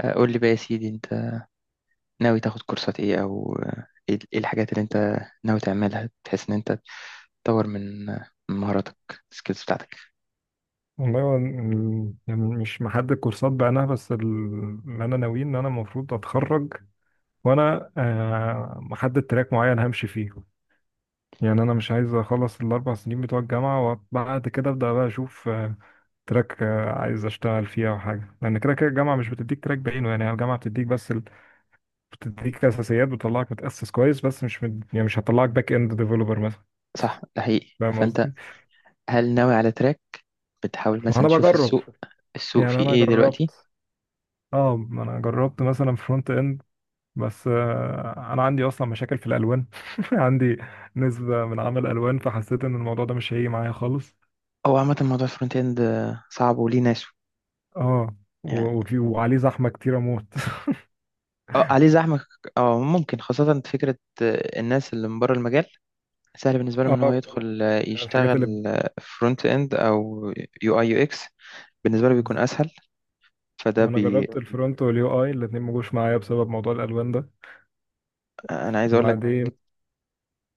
قول لي بقى يا سيدي انت ناوي تاخد كورسات ايه او ايه الحاجات اللي انت ناوي تعملها بحيث ان انت تطور من من مهاراتك، السكيلز بتاعتك. والله هو يعني مش محدد كورسات بعينها بس اللي انا ناوي ان انا المفروض اتخرج وانا محدد تراك معين همشي فيه. يعني انا مش عايز اخلص 4 سنين بتوع الجامعه وبعد كده ابدا بقى اشوف تراك عايز اشتغل فيه او حاجه، لان كده كده الجامعه مش بتديك تراك بعينه. يعني الجامعه بتديك بس بتديك اساسيات، بتطلعك متاسس كويس بس مش يعني مش هتطلعك باك اند ديفلوبر مثلا. صح، ده حقيقي. فاهم فانت قصدي؟ هل ناوي على تراك؟ بتحاول ما مثلا انا تشوف بجرب. السوق؟ السوق يعني فيه انا ايه دلوقتي؟ جربت، اه ما انا جربت مثلا فرونت اند، بس انا عندي اصلا مشاكل في الالوان. عندي نسبة من عمل الوان، فحسيت ان الموضوع ده مش هيجي معايا خالص. او عامة موضوع الفرونت اند صعب وليه ناسه اه، يعني. وفي وعليه زحمة كتير اموت. اه عليه زحمة، اه ممكن خاصة فكرة الناس اللي من بره المجال سهل بالنسبة لهم اه، ان هو بالظبط، يدخل يعني الحاجات يشتغل اللي فرونت اند او يو اي يو اكس، بالنسبة له بيكون بز- اسهل. فده ما انا بي جربت الفرونت واليو اي الاتنين ما جوش معايا بسبب موضوع الالوان ده. انا عايز اقول لك، وبعدين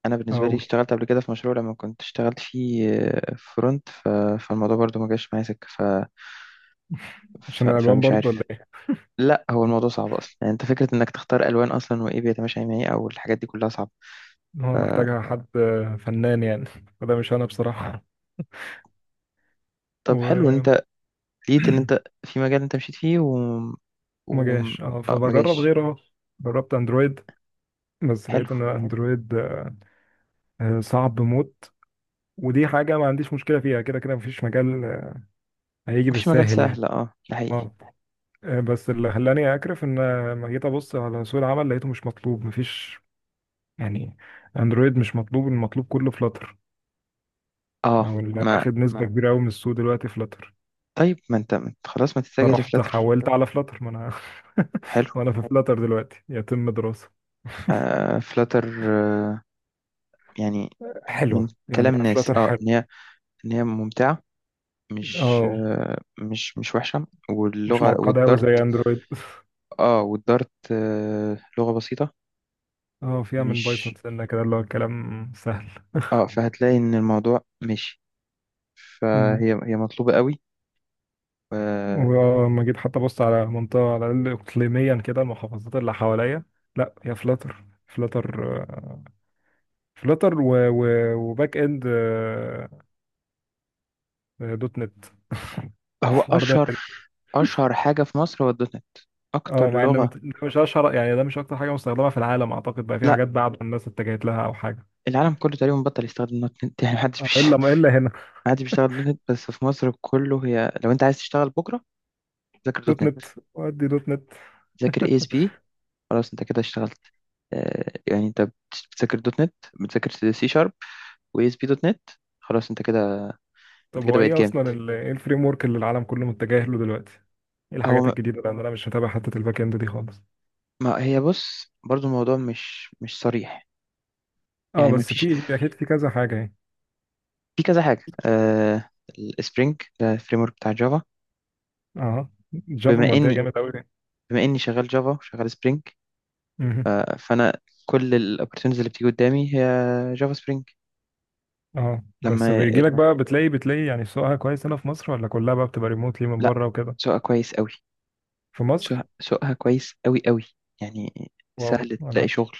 انا بالنسبه لي اقول اشتغلت قبل كده في مشروع لما كنت اشتغلت فيه فرونت فالموضوع برضو ما جاش معايا سكه عشان الالوان فمش برضه ولا عارف. ايه؟ لا، هو الموضوع صعب اصلا يعني. انت فكره انك تختار الوان اصلا وايه بيتماشى مع ايه او الحاجات دي كلها صعبه. ف... هو محتاجها حد فنان يعني، فده مش انا بصراحة. طب حلو، وما انت لقيت ان انت في مجال انت مشيت فيه و... جاش، اه، آه ما فبجرب جاش. غيره اهو. جربت اندرويد بس حلو. لقيت ان اندرويد صعب موت. ودي حاجة ما عنديش مشكلة فيها، كده كده مفيش مجال هيجي مفيش مجال بالساهل يعني. سهل، اه ده حقيقي. اه. بس اللي خلاني أكرف إن لما جيت أبص على سوق العمل لقيته مش مطلوب. مفيش، يعني، أندرويد مش مطلوب، المطلوب كله فلاتر، اه أو اللي ما أخد نسبة ما كبيرة أوي من السوق دلوقتي فلاتر. طيب، ما انت، خلاص ما تتجه فرحت لفلاتر. حولت على فلاتر. ما أنا، حلو، ما أنا في فلاتر دلوقتي يتم دراسة. فلاتر، آه يعني من حلوة يعني، كلام ناس فلاتر اه حلو. ان هي، ان هي ممتعه، مش اه، آه، مش مش وحشه، مش واللغه معقدة أوي والدارت. تمام زي أندرويد. اه والدارت لغه بسيطه، اه، فيها من بايثون مش سنة كده، اللي هو الكلام سهل. اه. فهتلاقي ان الموضوع ماشي، فهي مطلوبه قوي، آه. ولما جيت حتى بص على منطقة، على الأقل إقليميا كده، المحافظات اللي حواليا، لا هي فلاتر. فلاتر، فلاتر وباك إند، دوت نت. هو الحوار ده اشهر، غريب. اشهر حاجه في مصر هو الدوت نت، اه، اكتر مع ان لغه. ده مش اشهر يعني، ده مش اكتر حاجه مستخدمه في العالم اعتقد. بقى في لا، حاجات بعد الناس اتجهت لها او حاجه. العالم كله تقريبا بطل يستخدم دوت نت، يعني محدش بيش... الا ما الا هنا. محدش بيشتغل دوت نت بس في مصر كله. هي لو انت عايز تشتغل بكره ذاكر دوت دوت نت. نت، ودي دوت نت. ذاكر اي اس بي، خلاص انت كده اشتغلت. يعني انت بتذاكر دوت نت، بتذاكر سي شارب واس بي دوت نت، خلاص انت كده، طب انت كده هو بقيت ايه جامد. اصلا ايه الفريم ورك اللي العالم كله متجه له دلوقتي؟ ايه هو الحاجات ما الجديده؟ لان انا مش متابع حته الباك اند دي خالص. ما- هي بص برضو، الموضوع مش مش صريح اه يعني. ما بس فيش، في، اكيد في كذا حاجه يعني. في كذا حاجه آه. السبرينج ده الفريم ورك بتاع جافا. اه، جافا بما مودية اني جامد قوي. بما اني شغال جافا وشغال سبرينج، مهم. فانا كل الاوبورتونيتيز اللي بتيجي قدامي هي جافا سبرينج. اه بس لما بيجي لك بقى، بتلاقي يعني سوقها كويس هنا في مصر، ولا كلها بقى بتبقى ريموتلي من لا، بره وكده؟ سواء كويس قوي. في مصر. سوقها كويس قوي قوي، يعني واو، سهل انا، تلاقي شغل.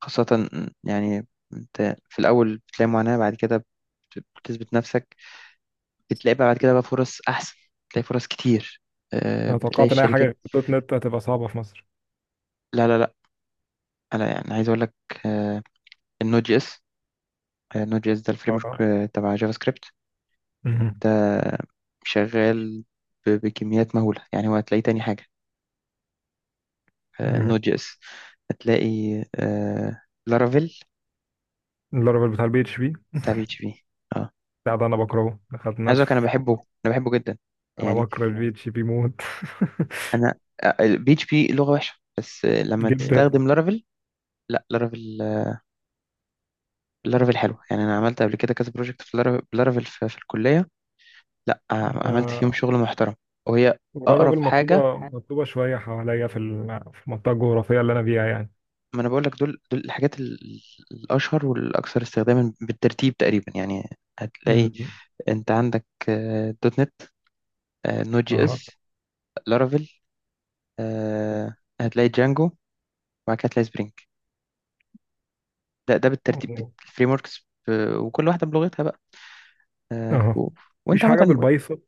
خاصة يعني انت في الأول بتلاقي معاناة، بعد كده بتثبت نفسك، بتلاقي بقى بعد كده بقى فرص أحسن، بتلاقي فرص كتير، انا بتلاقي توقعت ان اي حاجه الشركات. غير دوت نت هتبقى صعبه في مصر. لا لا لا، أنا يعني عايز أقول لك، النود جي اس، النود جي اس ده الفريم ورك اه. تبع جافا سكريبت. مهم. ده شغال بكميات مهولة، يعني هو هتلاقيه تاني حاجة، مهم. النود جي اس. هتلاقي لارافيل، اللارفل بتاع البي اتش بي؟ تبع بي اتش بي. بتاع ده انا بكرهه، دخلنا عايز اقولك في. انا بحبه، انا بحبه جدا انا يعني. بكره البي اتش بي موت. انا بي اتش بي لغه وحشه، بس لما جدا. تستخدم لارافيل. لا، لارافيل، لارافيل حلو، يعني انا عملت قبل كده كذا بروجكت في لارافيل بلارافيل في الكليه. لا، عملت فيهم آه، شغل محترم. وهي اقرب اللارفل حاجه. مطلوبه مطلوبه شويه حواليا في المنطقه الجغرافيه اللي انا فيها يعني. ما انا بقول لك دول الحاجات الاشهر والاكثر استخداما بالترتيب تقريبا يعني. هتلاقي، مم. انت عندك دوت نت، نود جي اه. اس، لارافيل، آه، هتلاقي جانجو، وبعد كده هتلاقي سبرينج. ده بالترتيب الفريم وركس، وكل واحده بلغتها بقى، آه، و... اه، وانت مفيش حاجة عامه. بالبايثون.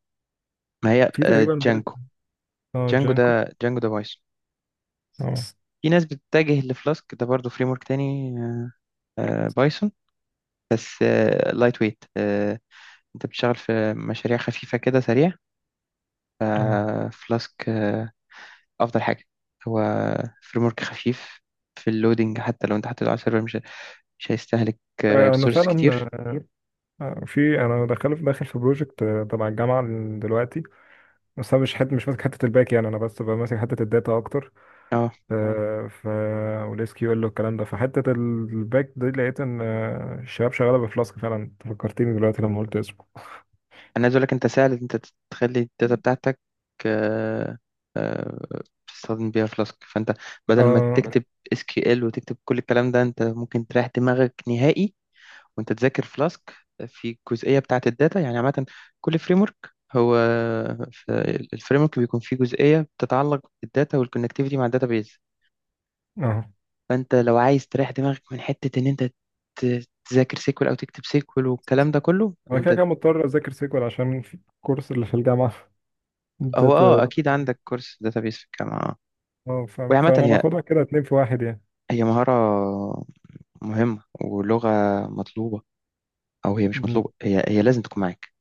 ما هي في تقريبا بايت. جانجو، اه، جانجو جانكو. ده جانجو ده بايثون. اه. في ناس بتتجه لفلاسك، ده برضه فريم ورك تاني، بايثون، بس لايت ويت. انت بتشتغل في مشاريع خفيفه كده سريع، اه. فلاسك افضل حاجه. هو فريم ورك خفيف في اللودينج، حتى لو انت حطيته على السيرفر مش هيستهلك انا إيه؟ ريسورس فعلا. كتير. في، انا داخل داخل في بروجكت تبع الجامعه دلوقتي، بس انا مش ماسك حته الباك. يعني انا بس ببقى ماسك حته الداتا اكتر. اه آه، ف والاس كيو ال والكلام ده، فحته الباك دي لقيت ان الشباب شغاله بفلاسك فعلا. أنت فكرتني دلوقتي لما قلت اسمه. انا عايز اقول لك، انت سهل إن انت تخلي الداتا بتاعتك، آه، آه، تستخدم بيها فلاسك. فانت بدل ما اه، بس، تكتب اس كيو ال وتكتب كل الكلام ده، انت ممكن تريح دماغك نهائي وانت تذاكر فلاسك في الجزئيه بتاعه الداتا. يعني عامه كل فريم ورك، هو الفريم ورك بيكون فيه جزئيه بتتعلق بالداتا والكونكتيفيتي مع الداتا بيز. اه فانت لو عايز تريح دماغك من حته ان انت تذاكر سيكول او تكتب سيكول والكلام ده كله، انا كده انت. بس كده مضطر اذاكر سيكوال عشان في الكورس اللي في الجامعه. هو اه داتا. اكيد عندك كورس داتابيس في الجامعه. اه وهي عامة، فانا هي باخدها كده اتنين في واحد هي مهارة مهمة ولغة مطلوبة، أو هي مش يعني. مطلوبة، هي هي لازم تكون معاك.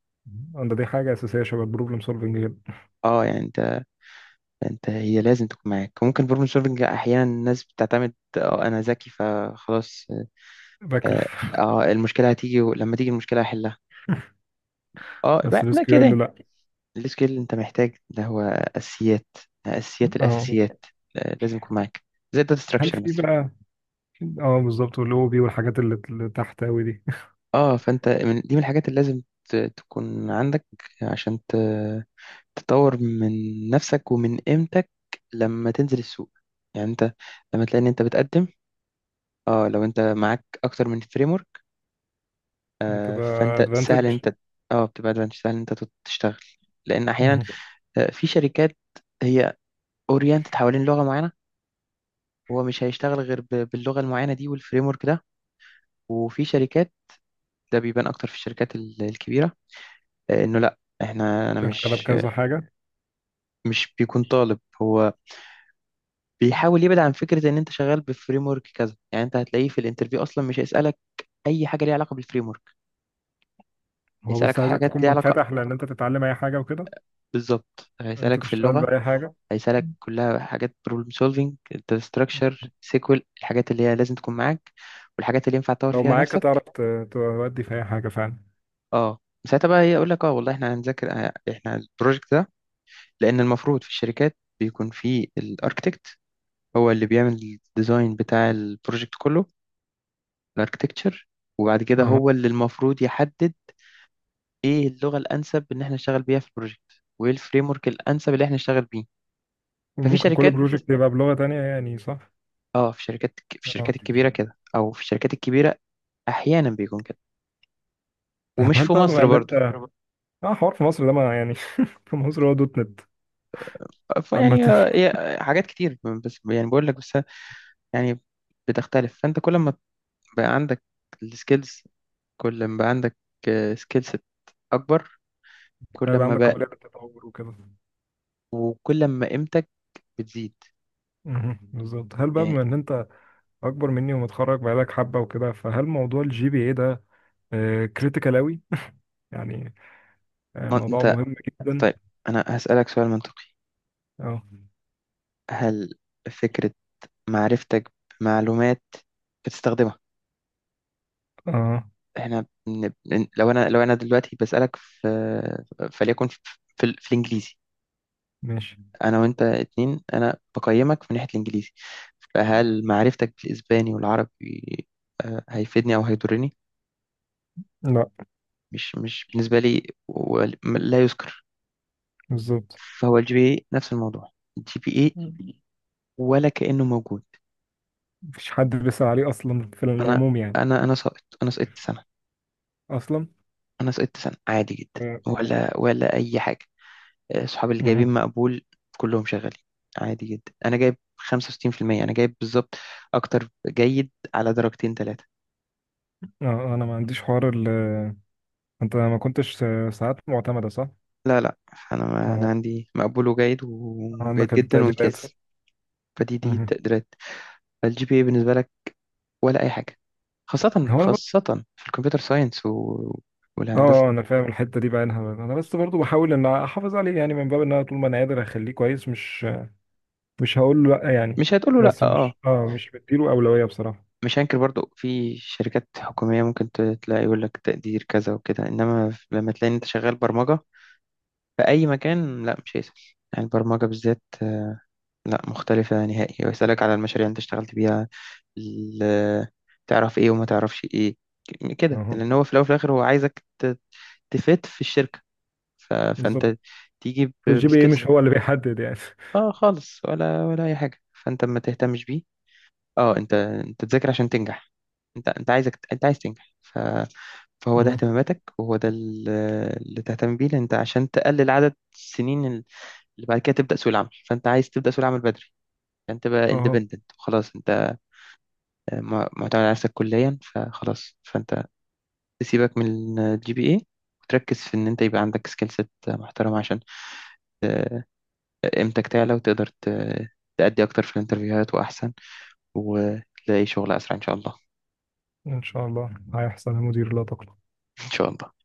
دي حاجة أساسية شبه البروبلم سولفنج جدا. اه يعني انت، انت هي لازم تكون معاك. ممكن بروبلم سولفنج احيانا الناس بتعتمد، اه انا ذكي فخلاص، اه. بكرف. المشكله هتيجي، ولما تيجي المشكله هحلها. بس الاس لا كيو ال، كده يعني، يعني. لا. السكيل اللي انت محتاج ده هو اساسيات، اساسيات اه. الاساسيات، لازم يكون معاك، زي الداتا هل ستراكشر في مثلا. بقى؟ اه، بالظبط، والاو بي والحاجات اللي تحت أوي دي. اه فانت من دي، من الحاجات اللي لازم تكون عندك، عشان ت تطور من نفسك ومن قيمتك لما تنزل السوق. يعني انت لما تلاقي ان انت بتقدم، اه لو انت معاك اكتر من فريم ورك، آه، بتبقى فانت سهل ان ادفانتج. انت، اه بتبقى ادفانتج، سهل ان انت تشتغل. لان احيانا انت في شركات هي اورينتد حوالين لغه معينه، هو مش هيشتغل غير باللغه المعينه دي والفريم ورك ده. وفي شركات ده بيبان اكتر في الشركات الكبيره، انه لا احنا انا شغالة مش، بكذا حاجة. مش بيكون طالب، هو بيحاول يبعد عن فكره ان انت شغال بفريم ورك كذا. يعني انت هتلاقيه في الانترفيو اصلا مش هيسالك اي حاجه ليها علاقه بالفريم ورك، هو هيسالك بس عايزك حاجات تكون ليها علاقه منفتح، لأن أنت تتعلم أي حاجة وكده، بالظبط. أنت هيسالك في تشتغل اللغه، بأي حاجة. هيسالك كلها حاجات: بروبلم سولفينج، داتا ستراكشر، سيكوال، الحاجات اللي هي لازم تكون معاك، والحاجات اللي ينفع تطور لو فيها معاك هتعرف نفسك. تودي في أي حاجة فعلا. اه ساعتها بقى هي يقول لك، اه والله احنا هنذاكر احنا البروجكت ده. لان المفروض في الشركات بيكون في الاركتكت، هو اللي بيعمل الديزاين بتاع البروجكت كله، الاركتكتشر، وبعد كده اه. هو اللي المفروض يحدد ايه اللغه الانسب ان احنا نشتغل بيها في البروجكت، وايه الفريم ورك الانسب اللي احنا نشتغل بيه. ففي وممكن كل شركات بروجكت يبقى بلغة تانية يعني، صح؟ اه، في شركات، في اه. الشركات الكبيره كده، او في الشركات الكبيره احيانا بيكون كده، طب ومش هل في بقى بما مصر إن أنت، برضو. اه حوار في مصر ده ما يعني، في مصر هو دوت نت عامة. فيعني حاجات كتير، بس يعني بقول لك بس، يعني بتختلف. فانت كل ما بقى عندك السكيلز، كل ما بقى عندك سكيلز اكبر، كل هيبقى ما عندك بقى، قابلية للتطور وكده. وكل ما قيمتك بتزيد. مهم. بالظبط. هل بقى يعني بما ان انت اكبر مني ومتخرج بقالك حبة وكده، فهل موضوع الجي بي اي ده كريتيكال اوي يعني؟ ما موضوع انت، مهم جدا. طيب انا هسألك سؤال منطقي: اه. هل فكرة معرفتك بمعلومات بتستخدمها، اه. احنا لو انا، لو انا دلوقتي بسألك في، فليكن في الانجليزي، ماشي. انا وانت اتنين، انا بقيمك من ناحية الانجليزي، فهل معرفتك بالاسباني والعربي هيفيدني او هيضرني؟ لا. مش بالنسبة لي لا يذكر. بالظبط. فهو الجي بي اي نفس الموضوع، الجي بي اي ولا كأنه موجود. مفيش حد بيسأل عليه اصلا في انا العموم يعني. انا ساقط، انا سقطت سنة، اصلا. انا سقطت سنة عادي جدا، اه. ولا ولا اي حاجة. صحابي اللي جايبين مهم. مقبول كلهم شغالين عادي جدا. انا جايب 65%، انا جايب بالظبط اكتر جيد على درجتين ثلاثة. انا ما عنديش حوار انت ما كنتش ساعات معتمدة صح؟ لا لا، انا آه، عندي مقبول وجيد وجيد عندك جدا التقديرات. وامتياز، فدي دي مهم. التقديرات. الجي بي اي بالنسبة لك ولا اي حاجة، خاصة هو انا خاصة في الكمبيوتر ساينس اه والهندسة. آه، انا فاهم الحته دي بعينها. انا بس برضو بحاول ان احافظ عليه، يعني من باب ان انا طول ما انا قادر اخليه كويس، مش هقول له لا يعني. مش هتقوله لأ، بس اه. مش بديله اولويه بصراحه. مش هنكر برضو في شركات حكومية ممكن تلاقي يقول لك تقدير كذا وكده، انما لما تلاقي إن انت شغال برمجة في أي مكان، لا مش هيسأل. يعني البرمجة بالذات لا، مختلفة نهائي. ويسألك على المشاريع اللي أنت اشتغلت بيها، ال- تعرف إيه وما تعرفش إيه كده. اه، لأن هو في الأول وفي الآخر هو عايزك تفيد في الشركة. بالظبط. فأنت تيجي فالجي بي اي بسكيلز. مش هو اللي بيحدد يعني. آه خالص، ولا ولا أي حاجة، فأنت ما تهتمش بيه. آه أنت، أنت تذاكر عشان تنجح، أنت عايزك، أنت عايز تنجح. فهو ده اهتماماتك، وهو ده اللي تهتم بيه. لأن أنت عشان تقلل عدد السنين اللي بعد كده تبدأ سوق العمل، فأنت عايز تبدأ سوق العمل بدري، فأنت تبقى اهو. independent خلاص. أنت معتمد على نفسك كليا، فخلاص فأنت تسيبك من الجي بي اي، وتركز في إن أنت يبقى عندك سكيل سيت محترمة، عشان آه، قيمتك تعلى وتقدر تأدي أكتر في الانترفيوهات وأحسن، وتلاقي شغل أسرع إن شاء الله. ان شاء الله هيحصل يا مدير، لا تقلق. إن شاء الله.